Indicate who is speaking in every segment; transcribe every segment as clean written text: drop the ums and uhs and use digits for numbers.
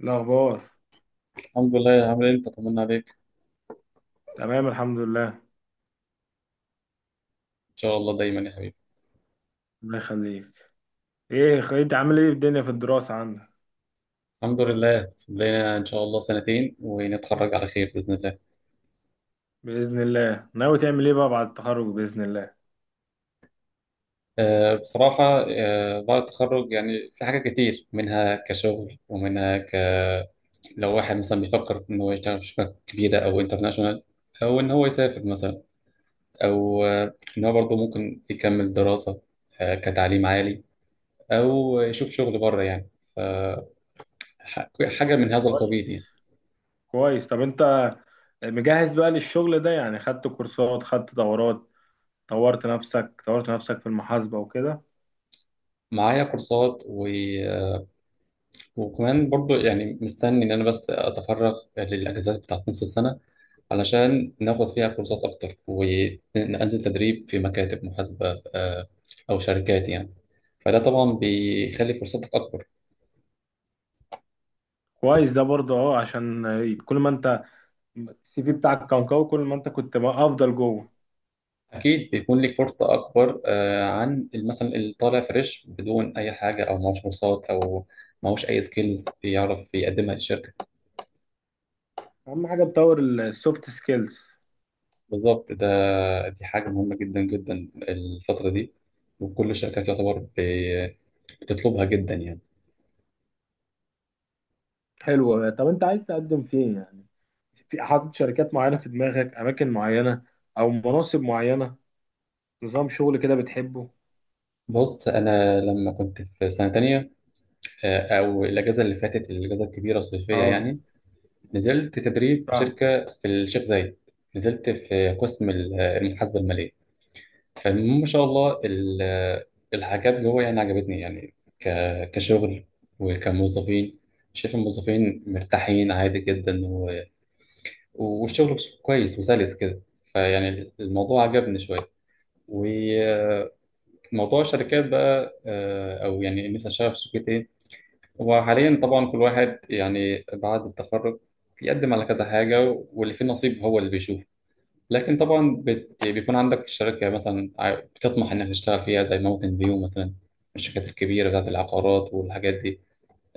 Speaker 1: الأخبار.
Speaker 2: الحمد لله، عامل ايه؟ انت طمنا عليك.
Speaker 1: تمام، الحمد لله.
Speaker 2: ان شاء الله دايما يا حبيبي.
Speaker 1: الله يخليك. إيه، أنت عامل إيه في الدنيا، في الدراسة عندك؟
Speaker 2: الحمد لله لنا ان شاء الله سنتين ونتخرج على خير باذن الله.
Speaker 1: بإذن الله. ناوي تعمل إيه بقى بعد التخرج بإذن الله؟
Speaker 2: بصراحه، بعد التخرج يعني في حاجات كتير، منها كشغل ومنها لو واحد مثلا بيفكر ان هو يشتغل في شركه كبيره او انترناشونال، او ان هو يسافر مثلا، او ان هو برضه ممكن يكمل دراسه، كتعليم عالي، او يشوف شغل بره يعني. ف- ح- حاجه من هذا القبيل
Speaker 1: كويس.
Speaker 2: يعني.
Speaker 1: كويس. طب أنت مجهز بقى للشغل ده يعني؟ خدت كورسات، خدت دورات، طورت نفسك طورت نفسك في المحاسبة وكده؟
Speaker 2: معايا كورسات، وكمان برضو يعني مستني إن أنا بس أتفرغ للأجازات بتاعت نص السنة علشان ناخد فيها كورسات أكتر وننزل تدريب في مكاتب محاسبة، أو شركات يعني. فده طبعا بيخلي فرصتك أكبر.
Speaker 1: كويس، ده برضه أه، عشان كل ما أنت السي في بتاعك كان قوي، كل ما أنت كنت بقى أفضل جوه.
Speaker 2: أكيد بيكون لك فرصة أكبر عن مثلا اللي طالع فريش بدون أي حاجة، أو معهوش كورسات أو معهوش أي سكيلز يعرف يقدمها للشركة.
Speaker 1: أهم حاجة تطور السوفت سكيلز.
Speaker 2: بالظبط ده، دي حاجة مهمة جدا جدا الفترة دي، وكل الشركات يعتبر بتطلبها جدا يعني.
Speaker 1: حلوة. طب أنت عايز تقدم فين يعني؟ في حاطط شركات معينة في دماغك، أماكن معينة أو مناصب معينة؟ نظام شغل كده بتحبه؟
Speaker 2: بص، انا لما كنت في سنه تانية، او الاجازه اللي فاتت، الاجازه الكبيره الصيفيه
Speaker 1: اه،
Speaker 2: يعني، نزلت تدريب في
Speaker 1: فاهم.
Speaker 2: شركه في الشيخ زايد، نزلت في قسم المحاسبه الماليه. فما شاء الله الحاجات جوه يعني عجبتني يعني، كشغل وكموظفين. شايف الموظفين مرتاحين عادي جدا، والشغل كويس وسلس كده. فيعني الموضوع عجبني شويه. وموضوع الشركات بقى، او يعني نفسي اشتغل في شركه ايه. وحاليا طبعا كل واحد يعني بعد التخرج بيقدم على كذا حاجة، واللي فيه نصيب هو اللي بيشوفه. لكن طبعا بيكون عندك شركة مثلا بتطمح إنك تشتغل فيها زي ماونتن فيو مثلا، الشركات الكبيرة بتاعت العقارات والحاجات دي.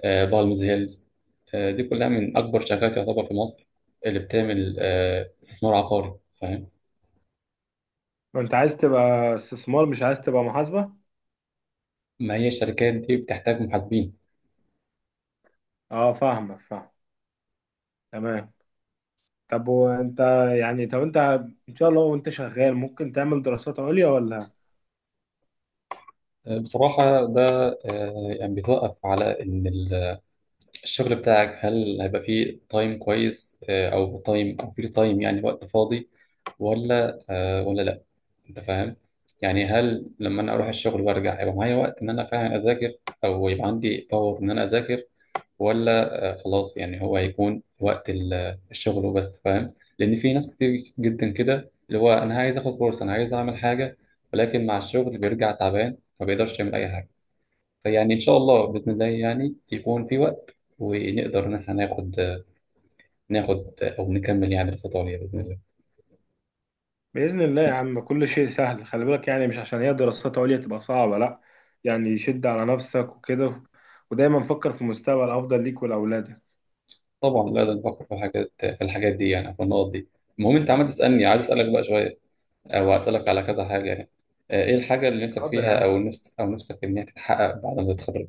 Speaker 2: آه، بالمز هيلز. آه، دي كلها من أكبر شركات يعتبر في مصر، اللي بتعمل آه استثمار عقاري. فاهم.
Speaker 1: ما أنت عايز تبقى استثمار، مش عايز تبقى محاسبة.
Speaker 2: ما هي الشركات دي بتحتاج محاسبين.
Speaker 1: اه، فاهمك، فاهم. تمام. طب وأنت يعني طب أنت، إن شاء الله وأنت شغال ممكن تعمل دراسات عليا ولا؟
Speaker 2: آه بصراحة ده، آه يعني بيتوقف على إن الشغل بتاعك هل هيبقى فيه تايم كويس، او فيه تايم يعني وقت فاضي، ولا ولا لا، انت فاهم. يعني هل لما انا اروح الشغل وارجع هيبقى معايا وقت ان انا فعلا اذاكر، او يبقى عندي باور ان انا اذاكر، ولا خلاص يعني هو هيكون وقت الشغل وبس، فاهم؟ لان في ناس كتير جدا كده، اللي هو انا عايز اخد كورس، انا عايز اعمل حاجة، ولكن مع الشغل بيرجع تعبان ما بيقدرش يعمل اي حاجة. فيعني إن شاء الله بإذن الله يعني يكون في وقت ونقدر إن إحنا ناخد أو نكمل يعني دراسات عليا بإذن الله.
Speaker 1: بإذن الله يا عم، كل شيء سهل. خلي بالك، يعني مش عشان هي دراسات عليا تبقى صعبة، لأ. يعني شد على نفسك وكده، ودايما فكر في مستقبل أفضل ليك ولأولادك.
Speaker 2: طبعا، لا ده نفكر في الحاجات دي يعني، في النقط دي. المهم أنت عمال تسألني، عايز أسألك بقى شوية، أو أسألك على كذا حاجة يعني. إيه الحاجة اللي نفسك
Speaker 1: اتفضل يا
Speaker 2: فيها،
Speaker 1: عم.
Speaker 2: أو نفس نفسك إن هي تتحقق بعد ما تتخرج؟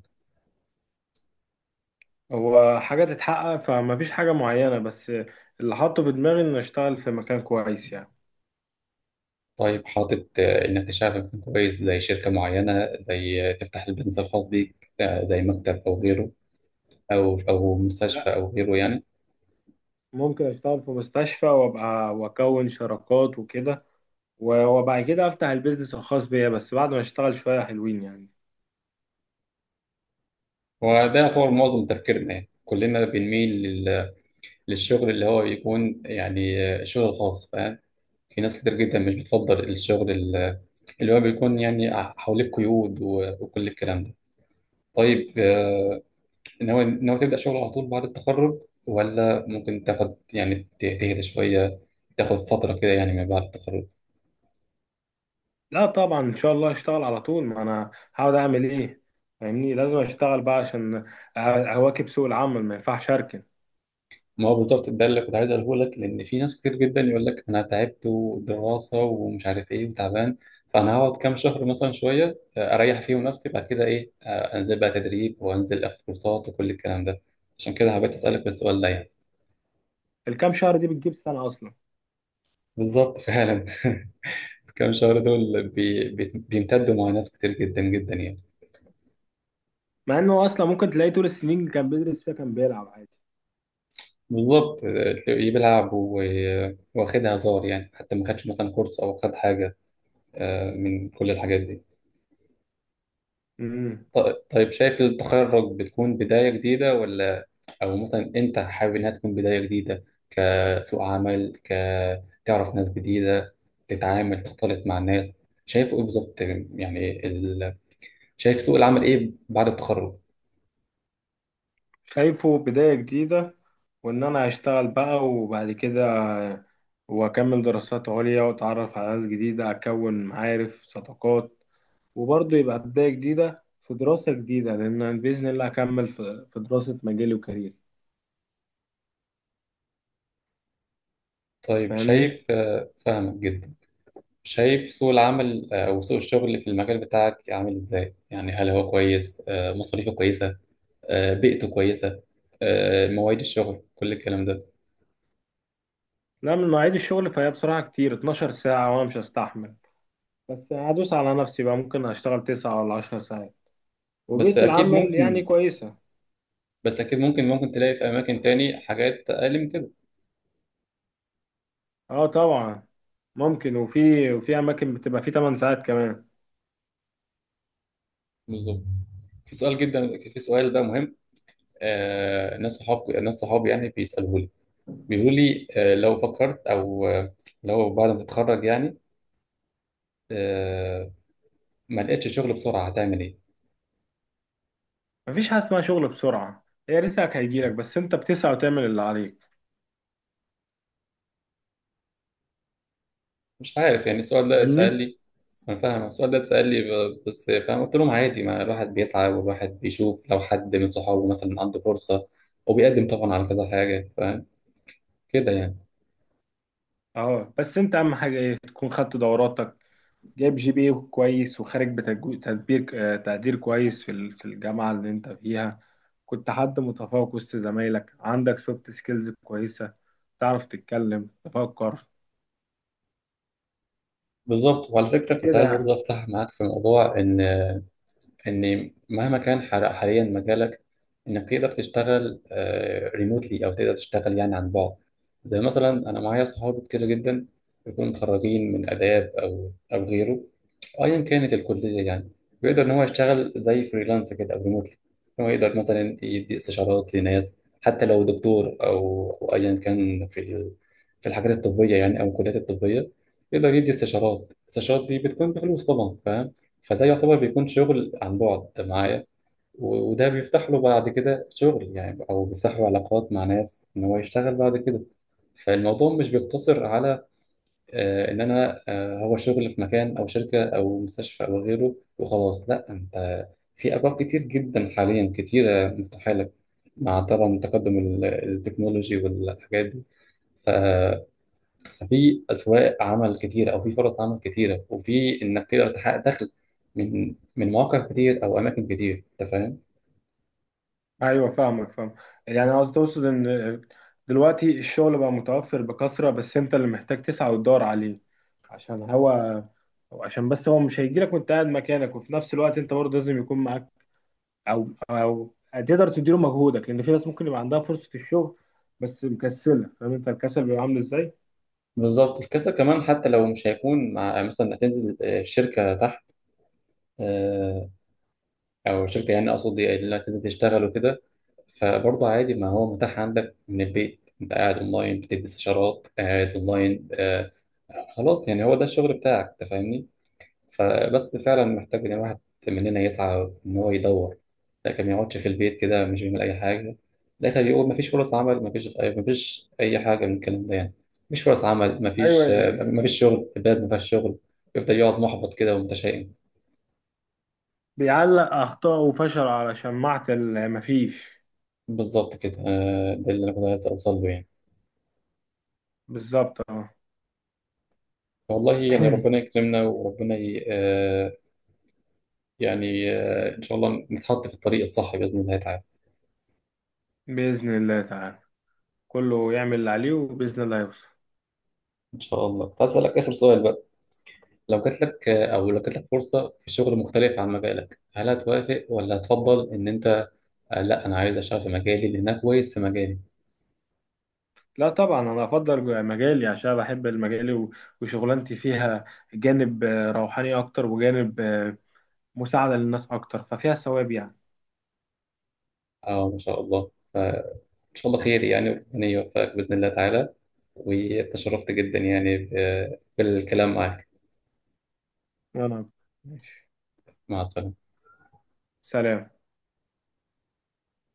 Speaker 1: هو حاجة تتحقق فمفيش حاجة معينة، بس اللي حاطه في دماغي إن أشتغل في مكان كويس يعني.
Speaker 2: طيب، حاطط إنك تشتغل في مكان كويس زي شركة معينة، زي تفتح البيزنس الخاص بيك، زي مكتب أو غيره، أو مستشفى
Speaker 1: لا،
Speaker 2: أو غيره يعني.
Speaker 1: ممكن أشتغل في مستشفى وأبقى وأكون شراكات وكده، وبعد كده أفتح البيزنس الخاص بيا، بس بعد ما أشتغل شوية حلوين يعني.
Speaker 2: وده يعتبر معظم تفكيرنا يعني، كلنا بنميل للشغل اللي هو يكون يعني شغل خاص، فاهم. في ناس كتير جدا مش بتفضل الشغل اللي هو بيكون يعني حواليه قيود وكل الكلام ده. طيب، ناوي تبدأ شغل على طول بعد التخرج، ولا ممكن تاخد يعني تهدى شوية، تاخد فترة كده يعني من بعد التخرج؟
Speaker 1: لا طبعا، إن شاء الله أشتغل على طول، ما أنا هقعد أعمل إيه؟ فاهمني؟ لازم أشتغل بقى عشان أواكب سوق العمل، ما ينفعش أركن.
Speaker 2: ما هو بالظبط ده اللي كنت عايز اقوله لك، لان في ناس كتير جدا يقول لك انا تعبت، ودراسه ومش عارف ايه، وتعبان، فانا هقعد كام شهر مثلا شويه، اريح فيهم نفسي، بعد كده ايه؟ انزل بقى تدريب، وانزل اخد كورسات وكل الكلام ده. عشان كده حبيت اسالك السؤال ده يعني.
Speaker 1: الكام شهر دي بتجيب سنة أصلا،
Speaker 2: بالظبط فعلا. كام شهر دول بي بي بيمتدوا مع ناس كتير جدا جدا يعني.
Speaker 1: مع إنه أصلا ممكن تلاقيه طول السنين اللي كان بيدرس فيها كان بيلعب عادي.
Speaker 2: بالظبط، تلاقيه بيلعب واخدها هزار يعني، حتى ما خدش مثلا كورس او خد حاجه، من كل الحاجات دي.
Speaker 1: مم.
Speaker 2: طيب، شايف التخرج بتكون بداية جديدة ولا؟ أو مثلا أنت حابب إنها تكون بداية جديدة، كسوق عمل، كتعرف ناس جديدة، تتعامل تختلط مع الناس؟ شايف إيه بالظبط يعني شايف سوق العمل إيه بعد التخرج؟
Speaker 1: شايفه بداية جديدة، وإن أنا أشتغل بقى وبعد كده، وأكمل دراسات عليا وأتعرف على ناس جديدة، أكون معارف صداقات. وبرضه يبقى بداية جديدة في دراسة جديدة، لأن أنا بإذن الله أكمل في دراسة مجالي وكاريري.
Speaker 2: طيب،
Speaker 1: فاهمني؟
Speaker 2: شايف فاهمك جدا. شايف سوق العمل أو سوق الشغل في المجال بتاعك عامل إزاي؟ يعني هل هو كويس؟ مصاريفه كويسة، بيئته كويسة، مواعيد الشغل كل الكلام ده.
Speaker 1: لا، من مواعيد الشغل فهي بصراحة كتير، 12 ساعة وأنا مش هستحمل. بس هدوس على نفسي بقى، ممكن أشتغل 9 ولا 10 ساعات.
Speaker 2: بس
Speaker 1: وبيئة
Speaker 2: اكيد
Speaker 1: العمل يعني
Speaker 2: ممكن،
Speaker 1: كويسة.
Speaker 2: بس اكيد ممكن، ممكن تلاقي في اماكن تاني حاجات اقل من كده.
Speaker 1: أه طبعا، ممكن، وفي أماكن بتبقى فيه 8 ساعات كمان.
Speaker 2: بالظبط. في سؤال جدا، في سؤال بقى مهم، آه ناس صحاب، ناس صحابي يعني بيسألوه لي، بيقولوا لي آه لو فكرت، او آه لو بعد ما تتخرج يعني، آه ما لقيتش شغل بسرعة هتعمل ايه؟
Speaker 1: مفيش حاجة اسمها شغل بسرعة، هي رزقك هيجيلك، بس انت بتسعى وتعمل اللي عليك.
Speaker 2: مش عارف يعني السؤال ده اتسأل
Speaker 1: فاهمني؟
Speaker 2: لي. انا فاهم السؤال ده اتسأل لي، بس فاهم، قلت لهم عادي، ما الواحد بيسعى والواحد بيشوف لو حد من صحابه مثلا عنده فرصة، وبيقدم طبعا على كذا حاجة، فاهم كده يعني.
Speaker 1: اه، بس انت اهم حاجة ايه؟ تكون خدت دوراتك، جايب جي بي إيه كويس، وخارج بتجو- تدبير آه، تقدير كويس في في الجامعة اللي انت فيها، كنت حد متفوق وسط زمايلك، عندك سوفت سكيلز كويسة، تعرف تتكلم، تفكر
Speaker 2: بالظبط. وعلى فكرة كنت
Speaker 1: كده
Speaker 2: عايز
Speaker 1: يعني.
Speaker 2: برضه أفتح معاك في موضوع إن ان مهما كان حاليا مجالك، انك تقدر تشتغل ريموتلي، او تقدر تشتغل يعني عن بعد. زي مثلا انا معايا صحابي كتير جدا بيكونوا متخرجين من اداب او غيره، ايا كانت الكليه يعني، بيقدر ان هو يشتغل زي فريلانس كده او ريموتلي. هو يقدر مثلا يدي استشارات لناس، حتى لو دكتور او ايا كان في في الحاجات الطبيه يعني، او الكليات الطبيه، يقدر يدي استشارات، الاستشارات دي بتكون بفلوس طبعا، فاهم. فده يعتبر بيكون شغل عن بعد معايا، وده بيفتح له بعد كده شغل يعني، أو بيفتح له علاقات مع ناس إن هو يشتغل بعد كده. فالموضوع مش بيقتصر على إن أنا هو شغل في مكان أو شركة أو مستشفى أو غيره وخلاص، لا، أنت في أبواب كتير جدا حاليا، كتيرة مفتوحة لك، مع طبعا تقدم التكنولوجي والحاجات دي. ففي اسواق عمل كتيره، او في فرص عمل كتيره، وفي انك تقدر تحقق دخل من مواقع كتير او اماكن كتير، انت فاهم.
Speaker 1: ايوه، فاهمك، فاهم. يعني قصدي تقصد ان دلوقتي الشغل بقى متوفر بكثره، بس انت اللي محتاج تسعى وتدور عليه، عشان هو، أو عشان بس هو مش هيجيلك وانت قاعد مكانك. وفي نفس الوقت انت برضه لازم يكون معاك، او تقدر تديله مجهودك، لان في ناس ممكن يبقى عندها فرصه الشغل بس مكسله. فاهم انت الكسل بيبقى عامل ازاي؟
Speaker 2: بالظبط. الكسل كمان، حتى لو مش هيكون مع مثلا هتنزل شركه تحت، آه، او شركه يعني اقصد إيه، اللي هتنزل تشتغل وكده، فبرضه عادي، ما هو متاح عندك من البيت، انت قاعد اونلاين بتدي استشارات، قاعد اونلاين خلاص يعني هو ده الشغل بتاعك، انت فاهمني. فبس فعلا محتاج ان الواحد مننا يسعى ان هو يدور، لكن ما يقعدش في البيت كده مش بيعمل اي حاجه، لكن بيقول مفيش فرص عمل، مفيش اي حاجه من الكلام ده يعني، مفيش فرص عمل،
Speaker 1: ايوه،
Speaker 2: مفيش، مفيش شغل، البلد مفيهاش شغل، يفضل يقعد محبط كده ومتشائم.
Speaker 1: بيعلق اخطاء وفشل على شماعه اللي مفيش.
Speaker 2: بالظبط كده، ده اللي انا كنت عايز اوصل له يعني.
Speaker 1: بالظبط، اه.
Speaker 2: والله يعني ربنا يكرمنا، وربنا ي... آه، يعني ان شاء الله نتحط في الطريق الصح باذن الله تعالى.
Speaker 1: باذن الله تعالى. كله يعمل اللي عليه وباذن الله هيوصل.
Speaker 2: ان شاء الله هسألك اخر سؤال بقى. لو جات لك، او لو جات لك فرصه في شغل مختلف عن مجالك، هل هتوافق، ولا هتفضل ان انت لا انا عايز اشتغل في مجالي لان انا كويس في مجالي؟
Speaker 1: لا طبعا، انا افضل مجالي عشان بحب المجالي، وشغلانتي فيها جانب روحاني اكتر، وجانب مساعدة للناس اكتر، ففيها ثواب يعني.
Speaker 2: اه ما شاء الله، فان شاء الله خير يعني، ربنا يوفقك باذن الله تعالى. وتشرفت جدا يعني بالكلام معك.
Speaker 1: وانا ماشي.
Speaker 2: مع السلامه.
Speaker 1: سلام.